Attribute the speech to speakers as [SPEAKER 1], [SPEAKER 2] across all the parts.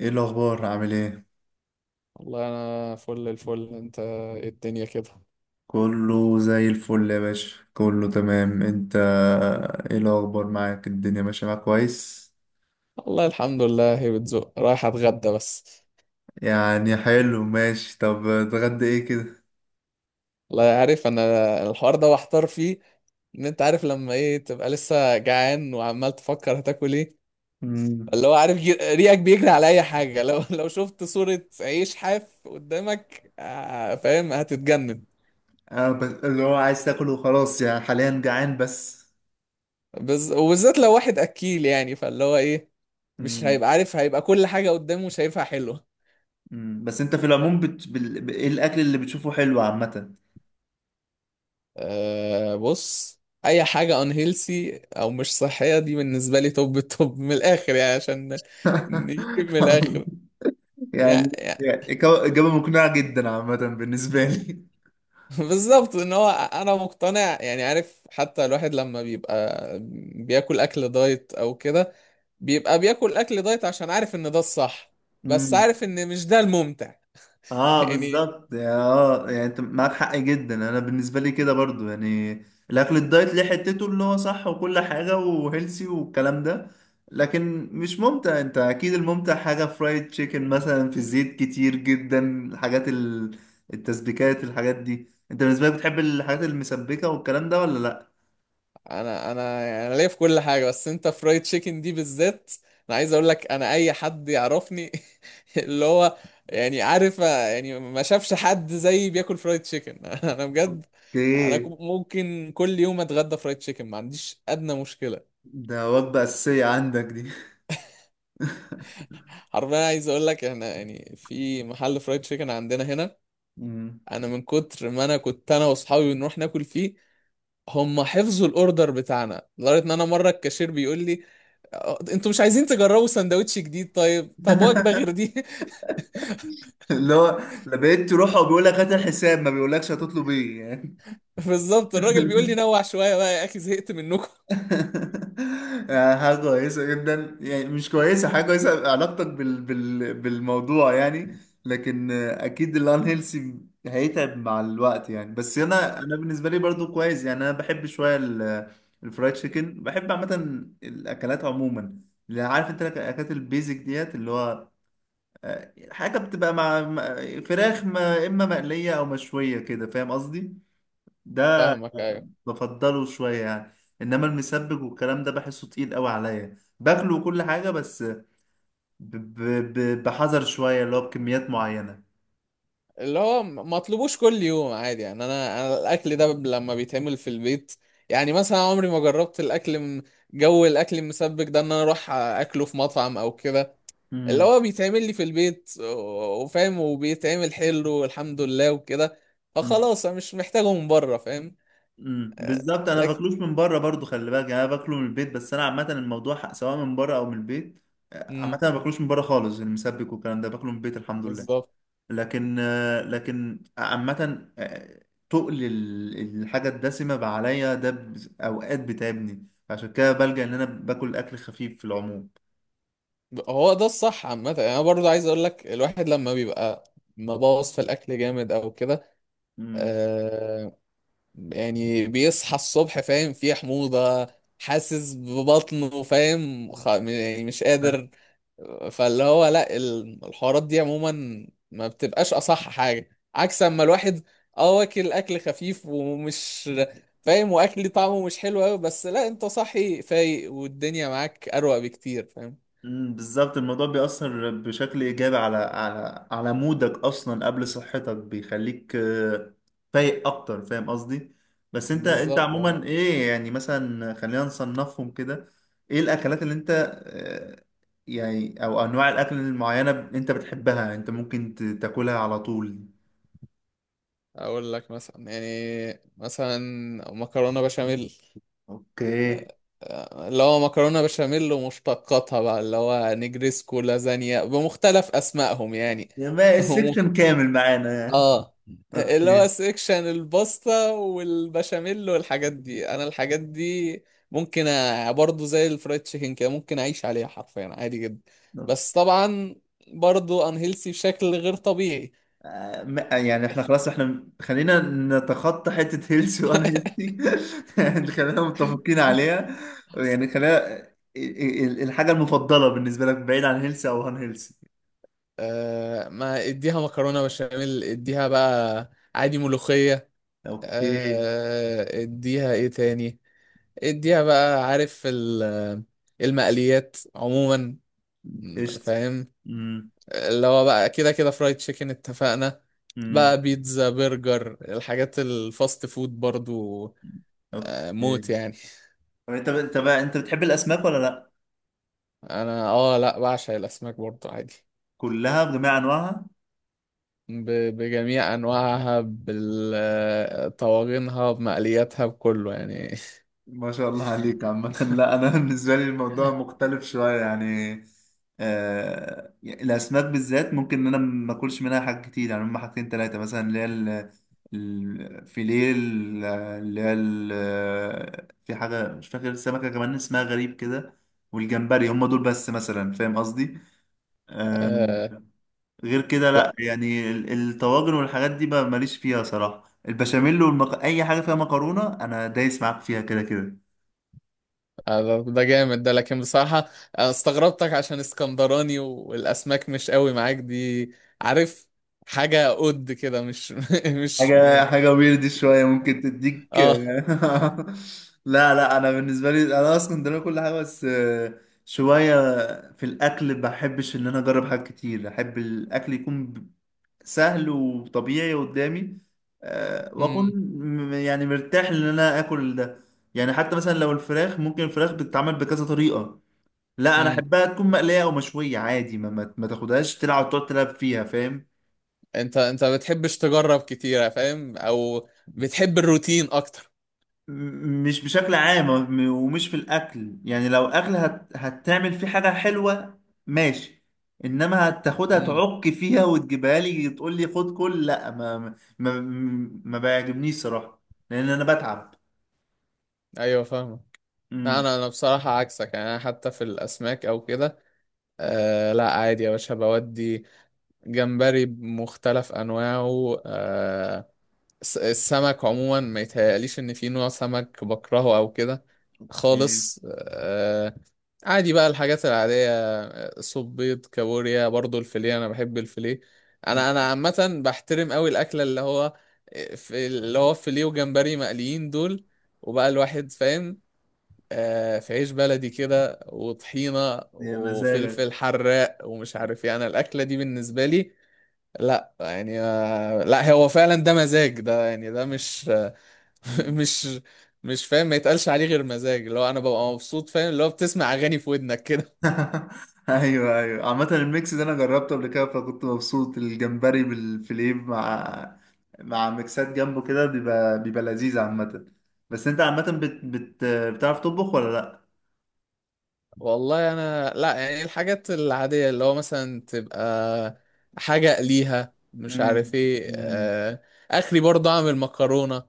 [SPEAKER 1] ايه الاخبار، عامل ايه؟
[SPEAKER 2] والله انا فل الفل. انت إيه الدنيا كده؟
[SPEAKER 1] كله زي الفل يا باشا، كله تمام انت؟ ايه الاخبار معاك، الدنيا ماشيه معاك كويس؟
[SPEAKER 2] والله الحمد لله، هي بتزق. رايح اتغدى بس.
[SPEAKER 1] يعني حلو، ماشي. طب اتغدى ايه كده؟
[SPEAKER 2] والله عارف انا. الحوار ده محتار فيه. ان انت عارف لما ايه، تبقى لسه جعان وعمال تفكر هتاكل ايه.
[SPEAKER 1] امم.
[SPEAKER 2] اللي هو عارف، ريقك بيجري على اي حاجه. لو لو شفت صوره عيش حاف قدامك، فاهم، هتتجنن.
[SPEAKER 1] انا بس اللي هو عايز تاكل وخلاص، يعني حاليا جعان بس.
[SPEAKER 2] وبالذات لو واحد اكيل، يعني فاللي هو ايه، مش
[SPEAKER 1] امم
[SPEAKER 2] هيبقى عارف. هيبقى كل حاجه قدامه شايفها حلوه.
[SPEAKER 1] بس انت في العموم ايه الاكل اللي بتشوفه حلو عامه؟
[SPEAKER 2] أه، بص. اي حاجه unhealthy او مش صحيه دي بالنسبه لي توب التوب من الاخر، يعني عشان نجيب من الاخر. يعني,
[SPEAKER 1] يعني.
[SPEAKER 2] يعني
[SPEAKER 1] يعني إجابة مقنعة جدا عامة بالنسبة
[SPEAKER 2] بالظبط، ان هو انا مقتنع. يعني عارف، حتى الواحد لما بيبقى بياكل اكل دايت او كده، بيبقى بياكل اكل دايت عشان عارف ان ده الصح، بس
[SPEAKER 1] لي.
[SPEAKER 2] عارف ان مش ده الممتع.
[SPEAKER 1] اه
[SPEAKER 2] يعني.
[SPEAKER 1] بالظبط، اه يعني انت معاك حق جدا. انا بالنسبه لي كده برضو، يعني الاكل الدايت ليه حتته اللي هو صح وكل حاجه وهيلسي والكلام ده، لكن مش ممتع. انت اكيد الممتع حاجه فرايد تشيكن مثلا في زيت كتير جدا. الحاجات التسبيكات، الحاجات دي انت بالنسبه لك بتحب الحاجات المسبكه والكلام ده ولا لا؟
[SPEAKER 2] انا انا انا ليا في كل حاجه، بس انت فرايد تشيكن دي بالذات، انا عايز اقول لك، انا اي حد يعرفني، اللي هو يعني عارف، يعني ما شافش حد زيي بياكل فرايد تشيكن. انا بجد، انا
[SPEAKER 1] ايه،
[SPEAKER 2] ممكن كل يوم اتغدى فرايد تشيكن، ما عنديش ادنى مشكله.
[SPEAKER 1] ده وجبه اساسيه عندك دي؟
[SPEAKER 2] حرفيا عايز اقول لك، احنا يعني في محل فرايد تشيكن عندنا هنا،
[SPEAKER 1] مم.
[SPEAKER 2] انا من كتر ما انا كنت انا واصحابي بنروح ناكل فيه، هم حفظوا الاوردر بتاعنا لدرجه ان انا مره الكاشير بيقول لي: "أه، انتوا مش عايزين تجربوا سندوتش جديد؟ طيب طب وجبه غير دي؟"
[SPEAKER 1] اللي هو لما بقيت تروح وبيقول لك هات الحساب، ما بيقولكش هتطلب ايه يعني.
[SPEAKER 2] بالظبط، الراجل بيقول لي نوع شويه بقى يا اخي، زهقت منكم.
[SPEAKER 1] يعني حاجة كويسة جدا، يعني مش كويسة، حاجة كويسة علاقتك بالموضوع يعني. لكن أكيد الان هيلسي، هيتعب مع الوقت يعني. بس أنا
[SPEAKER 2] آه،
[SPEAKER 1] أنا بالنسبة لي برضو كويس. يعني أنا بحب شوية الفرايد تشيكن، بحب عامة الأكلات عموما. اللي عارف أنت الأكلات البيزك ديت، اللي هو حاجة بتبقى مع فراخ ما، إما مقلية أو مشوية كده. فاهم قصدي؟ ده
[SPEAKER 2] فاهمك، ايوه.
[SPEAKER 1] بفضله شوية يعني. انما المسبك والكلام ده بحسه تقيل قوي عليا باكله وكل حاجة، بس بحذر شوية، اللي هو بكميات معينة.
[SPEAKER 2] اللي هو ما اطلبوش كل يوم عادي، يعني انا الاكل ده لما بيتعمل في البيت، يعني مثلا عمري ما جربت الاكل جو الاكل المسبك ده ان انا اروح اكله في مطعم او كده. اللي
[SPEAKER 1] امم
[SPEAKER 2] هو بيتعمل لي في البيت، و- وفاهم، وبيتعمل حلو والحمد لله وكده،
[SPEAKER 1] امم
[SPEAKER 2] فخلاص انا مش محتاجه من بره، فاهم. آه،
[SPEAKER 1] بالظبط، انا
[SPEAKER 2] لكن.
[SPEAKER 1] باكلوش من بره برضو، خلي بالك، يعني انا باكله من البيت. بس انا عامة الموضوع سواء من بره او من البيت.
[SPEAKER 2] مم،
[SPEAKER 1] عامة انا باكلوش من بره خالص، المسبك والكلام ده باكله من البيت، الحمد لله.
[SPEAKER 2] بالظبط.
[SPEAKER 1] لكن عامة، تقل الحاجة الدسمة بقى عليا ده أوقات بتعبني. عشان كده بلجأ إن أنا باكل أكل خفيف في العموم.
[SPEAKER 2] هو ده الصح عامة. يعني انا برضو عايز اقول لك، الواحد لما بيبقى مبوظ في الاكل جامد او كده،
[SPEAKER 1] مم.
[SPEAKER 2] آه، يعني بيصحى الصبح فاهم فيه حموضة، حاسس ببطنه، فاهم، يعني مش قادر. فاللي هو لا، الحوارات دي عموما ما بتبقاش اصح حاجه، عكس اما الواحد اه واكل اكل خفيف ومش فاهم، واكل طعمه مش حلو قوي، بس لا، انت صاحي فايق، والدنيا معاك اروق بكتير، فاهم.
[SPEAKER 1] بالظبط، الموضوع بيأثر بشكل إيجابي على مودك أصلا قبل صحتك. بيخليك فايق أكتر. فاهم قصدي؟ بس أنت
[SPEAKER 2] بالظبط اه.
[SPEAKER 1] عموما إيه، يعني مثلا خلينا نصنفهم كده. إيه الأكلات اللي أنت آه، يعني، أو أنواع الأكل المعينة أنت بتحبها، أنت ممكن تاكلها على طول؟
[SPEAKER 2] اقول لك مثلا، يعني مثلا مكرونه بشاميل.
[SPEAKER 1] أوكي.
[SPEAKER 2] اللي هو مكرونه بشاميل ومشتقاتها بقى، اللي هو نجريسكو، لازانيا، بمختلف اسمائهم يعني.
[SPEAKER 1] يبقى السكشن كامل معانا يعني.
[SPEAKER 2] اه. اللي هو
[SPEAKER 1] أوكي.
[SPEAKER 2] سيكشن الباستا والبشاميل والحاجات دي، انا الحاجات دي ممكن برضو زي الفرايد تشيكن كده، ممكن اعيش عليها حرفيا عادي جدا. بس طبعا برضو انهيلسي بشكل غير طبيعي.
[SPEAKER 1] يعني احنا خلاص، احنا خلينا نتخطى حتة هيلثي وانا هيلثي، يعني خلينا متفقين عليها. يعني خلينا الحاجة المفضلة بالنسبة لك بعيد عن هيلثي او هان هيلثي.
[SPEAKER 2] آه، ما اديها مكرونة بشاميل، اديها بقى عادي ملوخية،
[SPEAKER 1] اوكي.
[SPEAKER 2] آه اديها ايه تاني، اديها بقى عارف المقليات عموما،
[SPEAKER 1] قشطة.
[SPEAKER 2] فاهم.
[SPEAKER 1] امم
[SPEAKER 2] اللي هو بقى كده كده فرايد تشيكن اتفقنا،
[SPEAKER 1] امم
[SPEAKER 2] بقى بيتزا، برجر، الحاجات الفاست فود برضو، آه، موت
[SPEAKER 1] اوكي.
[SPEAKER 2] يعني.
[SPEAKER 1] طب انت بقى، انت بتحب الاسماك ولا لا؟
[SPEAKER 2] انا اه لا، بعشق الاسماك برضو عادي،
[SPEAKER 1] كلها بجميع انواعها؟
[SPEAKER 2] بجميع انواعها، بطواجنها، بمقلياتها، بكله يعني.
[SPEAKER 1] ما شاء الله عليك عامة. لا، أنا بالنسبة لي الموضوع مختلف شوية يعني. آه، الأسماك بالذات ممكن إن أنا ما أكلش منها حاجات كتير. يعني هما حاجتين تلاتة مثلا، اللي هي الفيليه، في حاجة مش فاكر سمكة كمان اسمها غريب كده، والجمبري. هما دول بس مثلا، فاهم قصدي؟ آه.
[SPEAKER 2] آه،
[SPEAKER 1] غير كده
[SPEAKER 2] لا.
[SPEAKER 1] لا، يعني الطواجن والحاجات دي بقى ماليش فيها صراحة. البشاميل أي حاجة فيها مكرونة أنا دايس معاك فيها كده كده.
[SPEAKER 2] آه، ده جامد ده، لكن بصراحة أنا استغربتك عشان اسكندراني والاسماك مش قوي معاك دي. عارف، حاجة قد كده مش، مش.
[SPEAKER 1] حاجة حاجة ويرد شوية ممكن تديك.
[SPEAKER 2] اه.
[SPEAKER 1] لا، لا، أنا بالنسبة لي أنا أصلا ده كل حاجة. بس شوية في الأكل بحبش إن أنا أجرب حاجات كتير. أحب الأكل يكون سهل وطبيعي قدامي، وأكون
[SPEAKER 2] امم.
[SPEAKER 1] يعني مرتاح إن أنا آكل ده. يعني حتى مثلا لو الفراخ، ممكن الفراخ بتتعمل بكذا طريقة، لا أنا
[SPEAKER 2] امم.
[SPEAKER 1] أحبها تكون مقلية أو مشوية عادي. ما تاخدهاش تلعب وتقعد تلعب فيها، فاهم.
[SPEAKER 2] انت ما بتحبش تجرب كتير فاهم، او بتحب الروتين اكتر؟
[SPEAKER 1] مش بشكل عام، ومش في الاكل يعني. لو اكل هتعمل فيه حاجه حلوه، ماشي. انما هتاخدها
[SPEAKER 2] امم.
[SPEAKER 1] تعك فيها وتجيبها لي تقول لي خد كل، لا ما ما ما بيعجبنيش صراحه، لان انا بتعب.
[SPEAKER 2] ايوه فاهمك. لا،
[SPEAKER 1] امم
[SPEAKER 2] انا بصراحه عكسك، يعني انا حتى في الاسماك او كده، آه لا عادي يا باشا بودي. جمبري بمختلف انواعه، آه السمك عموما، ما يتهيأليش ان في نوع سمك بكرهه او كده
[SPEAKER 1] يا
[SPEAKER 2] خالص، آه، عادي بقى الحاجات العادية، صوب، بيض، كابوريا، برضو الفيليه، أنا بحب الفيليه. أنا عامة بحترم أوي الأكلة اللي هو، في اللي هو فيليه وجمبري مقليين دول، وبقى الواحد فاهم، آه في عيش بلدي كده وطحينة
[SPEAKER 1] يا مزاجك.
[SPEAKER 2] وفلفل حراق ومش عارف، يعني الأكلة دي بالنسبة لي لا يعني، آه لا، هو فعلا ده مزاج ده، يعني ده مش، مش، مش فاهم، ما يتقالش عليه غير مزاج، اللي هو انا ببقى مبسوط، فاهم، اللي هو بتسمع اغاني في ودنك كده.
[SPEAKER 1] ايوه، ايوه، عامة الميكس ده انا جربته قبل كده فكنت مبسوط. الجمبري بالفليه مع ميكسات جنبه كده، بيبقى لذيذ عامة. بس انت عامة بتعرف تطبخ ولا لا؟
[SPEAKER 2] والله انا لا، يعني الحاجات العادية اللي هو مثلا تبقى حاجة اقليها مش
[SPEAKER 1] مم.
[SPEAKER 2] عارف ايه،
[SPEAKER 1] مم.
[SPEAKER 2] اخري برضه اعمل مكرونة.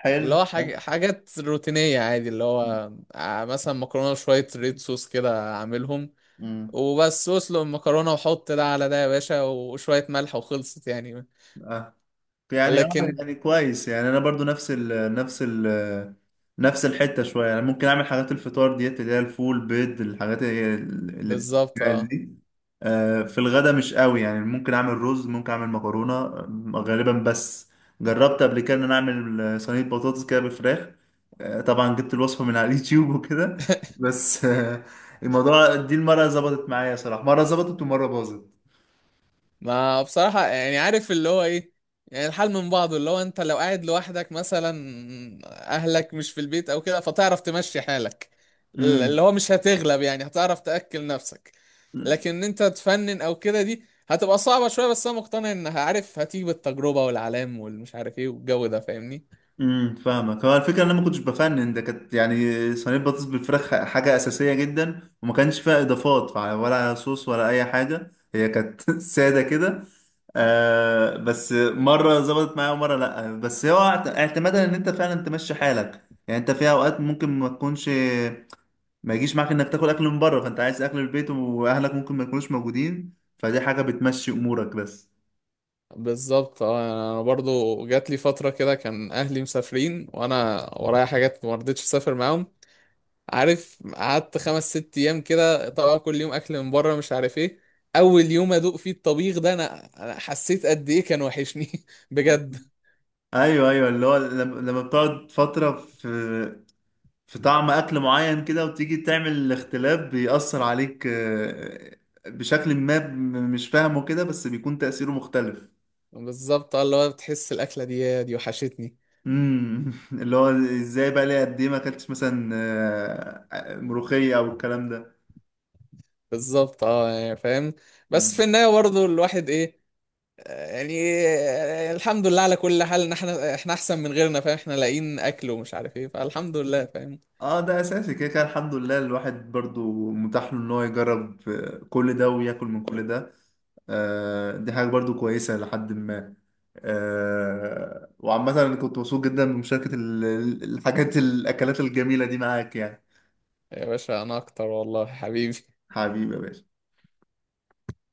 [SPEAKER 1] حلو،
[SPEAKER 2] اللي هو
[SPEAKER 1] ها؟
[SPEAKER 2] حاجات روتينية عادي، اللي هو مثلا مكرونة وشوية ريد صوص كده اعملهم،
[SPEAKER 1] امم
[SPEAKER 2] وبس اسلق المكرونة وحط ده على ده يا باشا، وشوية ملح وخلصت يعني.
[SPEAKER 1] يعني اه،
[SPEAKER 2] لكن
[SPEAKER 1] يعني كويس، يعني انا برضو نفس ال نفس الحته شويه يعني. ممكن اعمل حاجات الفطار ديت، اللي هي الفول، بيض، الحاجات اللي
[SPEAKER 2] بالظبط
[SPEAKER 1] بتتجهز
[SPEAKER 2] اه.
[SPEAKER 1] دي. آه، في الغدا مش قوي، يعني ممكن اعمل رز، ممكن اعمل مكرونه غالبا. بس جربت قبل كده ان انا اعمل صينيه بطاطس كده بالفراخ. طبعا جبت الوصفه من على اليوتيوب وكده. بس الموضوع دي المره ظبطت معايا صراحه، مره ظبطت ومره باظت.
[SPEAKER 2] ما بصراحة يعني عارف اللي هو ايه، يعني الحال من بعضه، اللي هو انت لو قاعد لوحدك مثلا، اهلك مش في البيت او كده، فتعرف تمشي حالك. اللي
[SPEAKER 1] امم
[SPEAKER 2] هو مش هتغلب، يعني هتعرف تأكل نفسك. لكن انت تفنن او كده، دي هتبقى صعبة شوية، بس انا مقتنع انها عارف هتيجي بالتجربة والعلام والمش عارف ايه والجو ده، فاهمني.
[SPEAKER 1] فاهمك. هو الفكره ان انا ما كنتش بفنن، ده كانت يعني صينيه بطاطس بالفراخ، حاجه اساسيه جدا وما كانش فيها اضافات، ولا صوص ولا اي حاجه، هي كانت ساده كده. آه، بس مره ظبطت معايا ومره لا. بس هو اعتمادا ان انت فعلا تمشي حالك. يعني انت في اوقات ممكن ما تكونش، ما يجيش معاك انك تاكل اكل من بره، فانت عايز اكل البيت واهلك ممكن ما يكونوش موجودين، فدي حاجه بتمشي امورك بس.
[SPEAKER 2] بالظبط اه، انا برضو جات لي فترة كده كان اهلي مسافرين وانا ورايا حاجات ما رضيتش اسافر معاهم. عارف، قعدت 5 6 ايام كده، طبعا كل يوم اكل من بره مش عارف ايه. اول يوم ادوق فيه الطبيخ ده، أنا حسيت قد ايه كان وحشني، بجد.
[SPEAKER 1] ايوه، ايوه، اللي هو لما بتقعد فتره في طعم اكل معين كده وتيجي تعمل اختلاف، بيأثر عليك بشكل ما مش فاهمه كده. بس بيكون تأثيره مختلف.
[SPEAKER 2] بالظبط اه، اللي هو بتحس الاكله دي وحشتني.
[SPEAKER 1] اللي هو ازاي بقى، ليه قد ايه ما اكلتش مثلا ملوخية او الكلام
[SPEAKER 2] بالظبط اه، يعني فاهم،
[SPEAKER 1] ده.
[SPEAKER 2] بس في النهايه برضه الواحد ايه، آه، يعني آه، الحمد لله على كل حال، ان احنا احسن من غيرنا، فاهم، احنا لاقيين اكل ومش عارف ايه، فالحمد لله، فاهم.
[SPEAKER 1] اه، ده اساسي كده كده، الحمد لله. الواحد برضو متاح له ان هو يجرب كل ده وياكل من كل ده. آه، دي حاجه برضو كويسه لحد ما. آه وعامه انا كنت مبسوط جدا بمشاركه ال- ال- الحاجات الاكلات الجميله دي معاك يعني.
[SPEAKER 2] يا باشا انا اكتر والله حبيبي.
[SPEAKER 1] حبيبي يا باشا.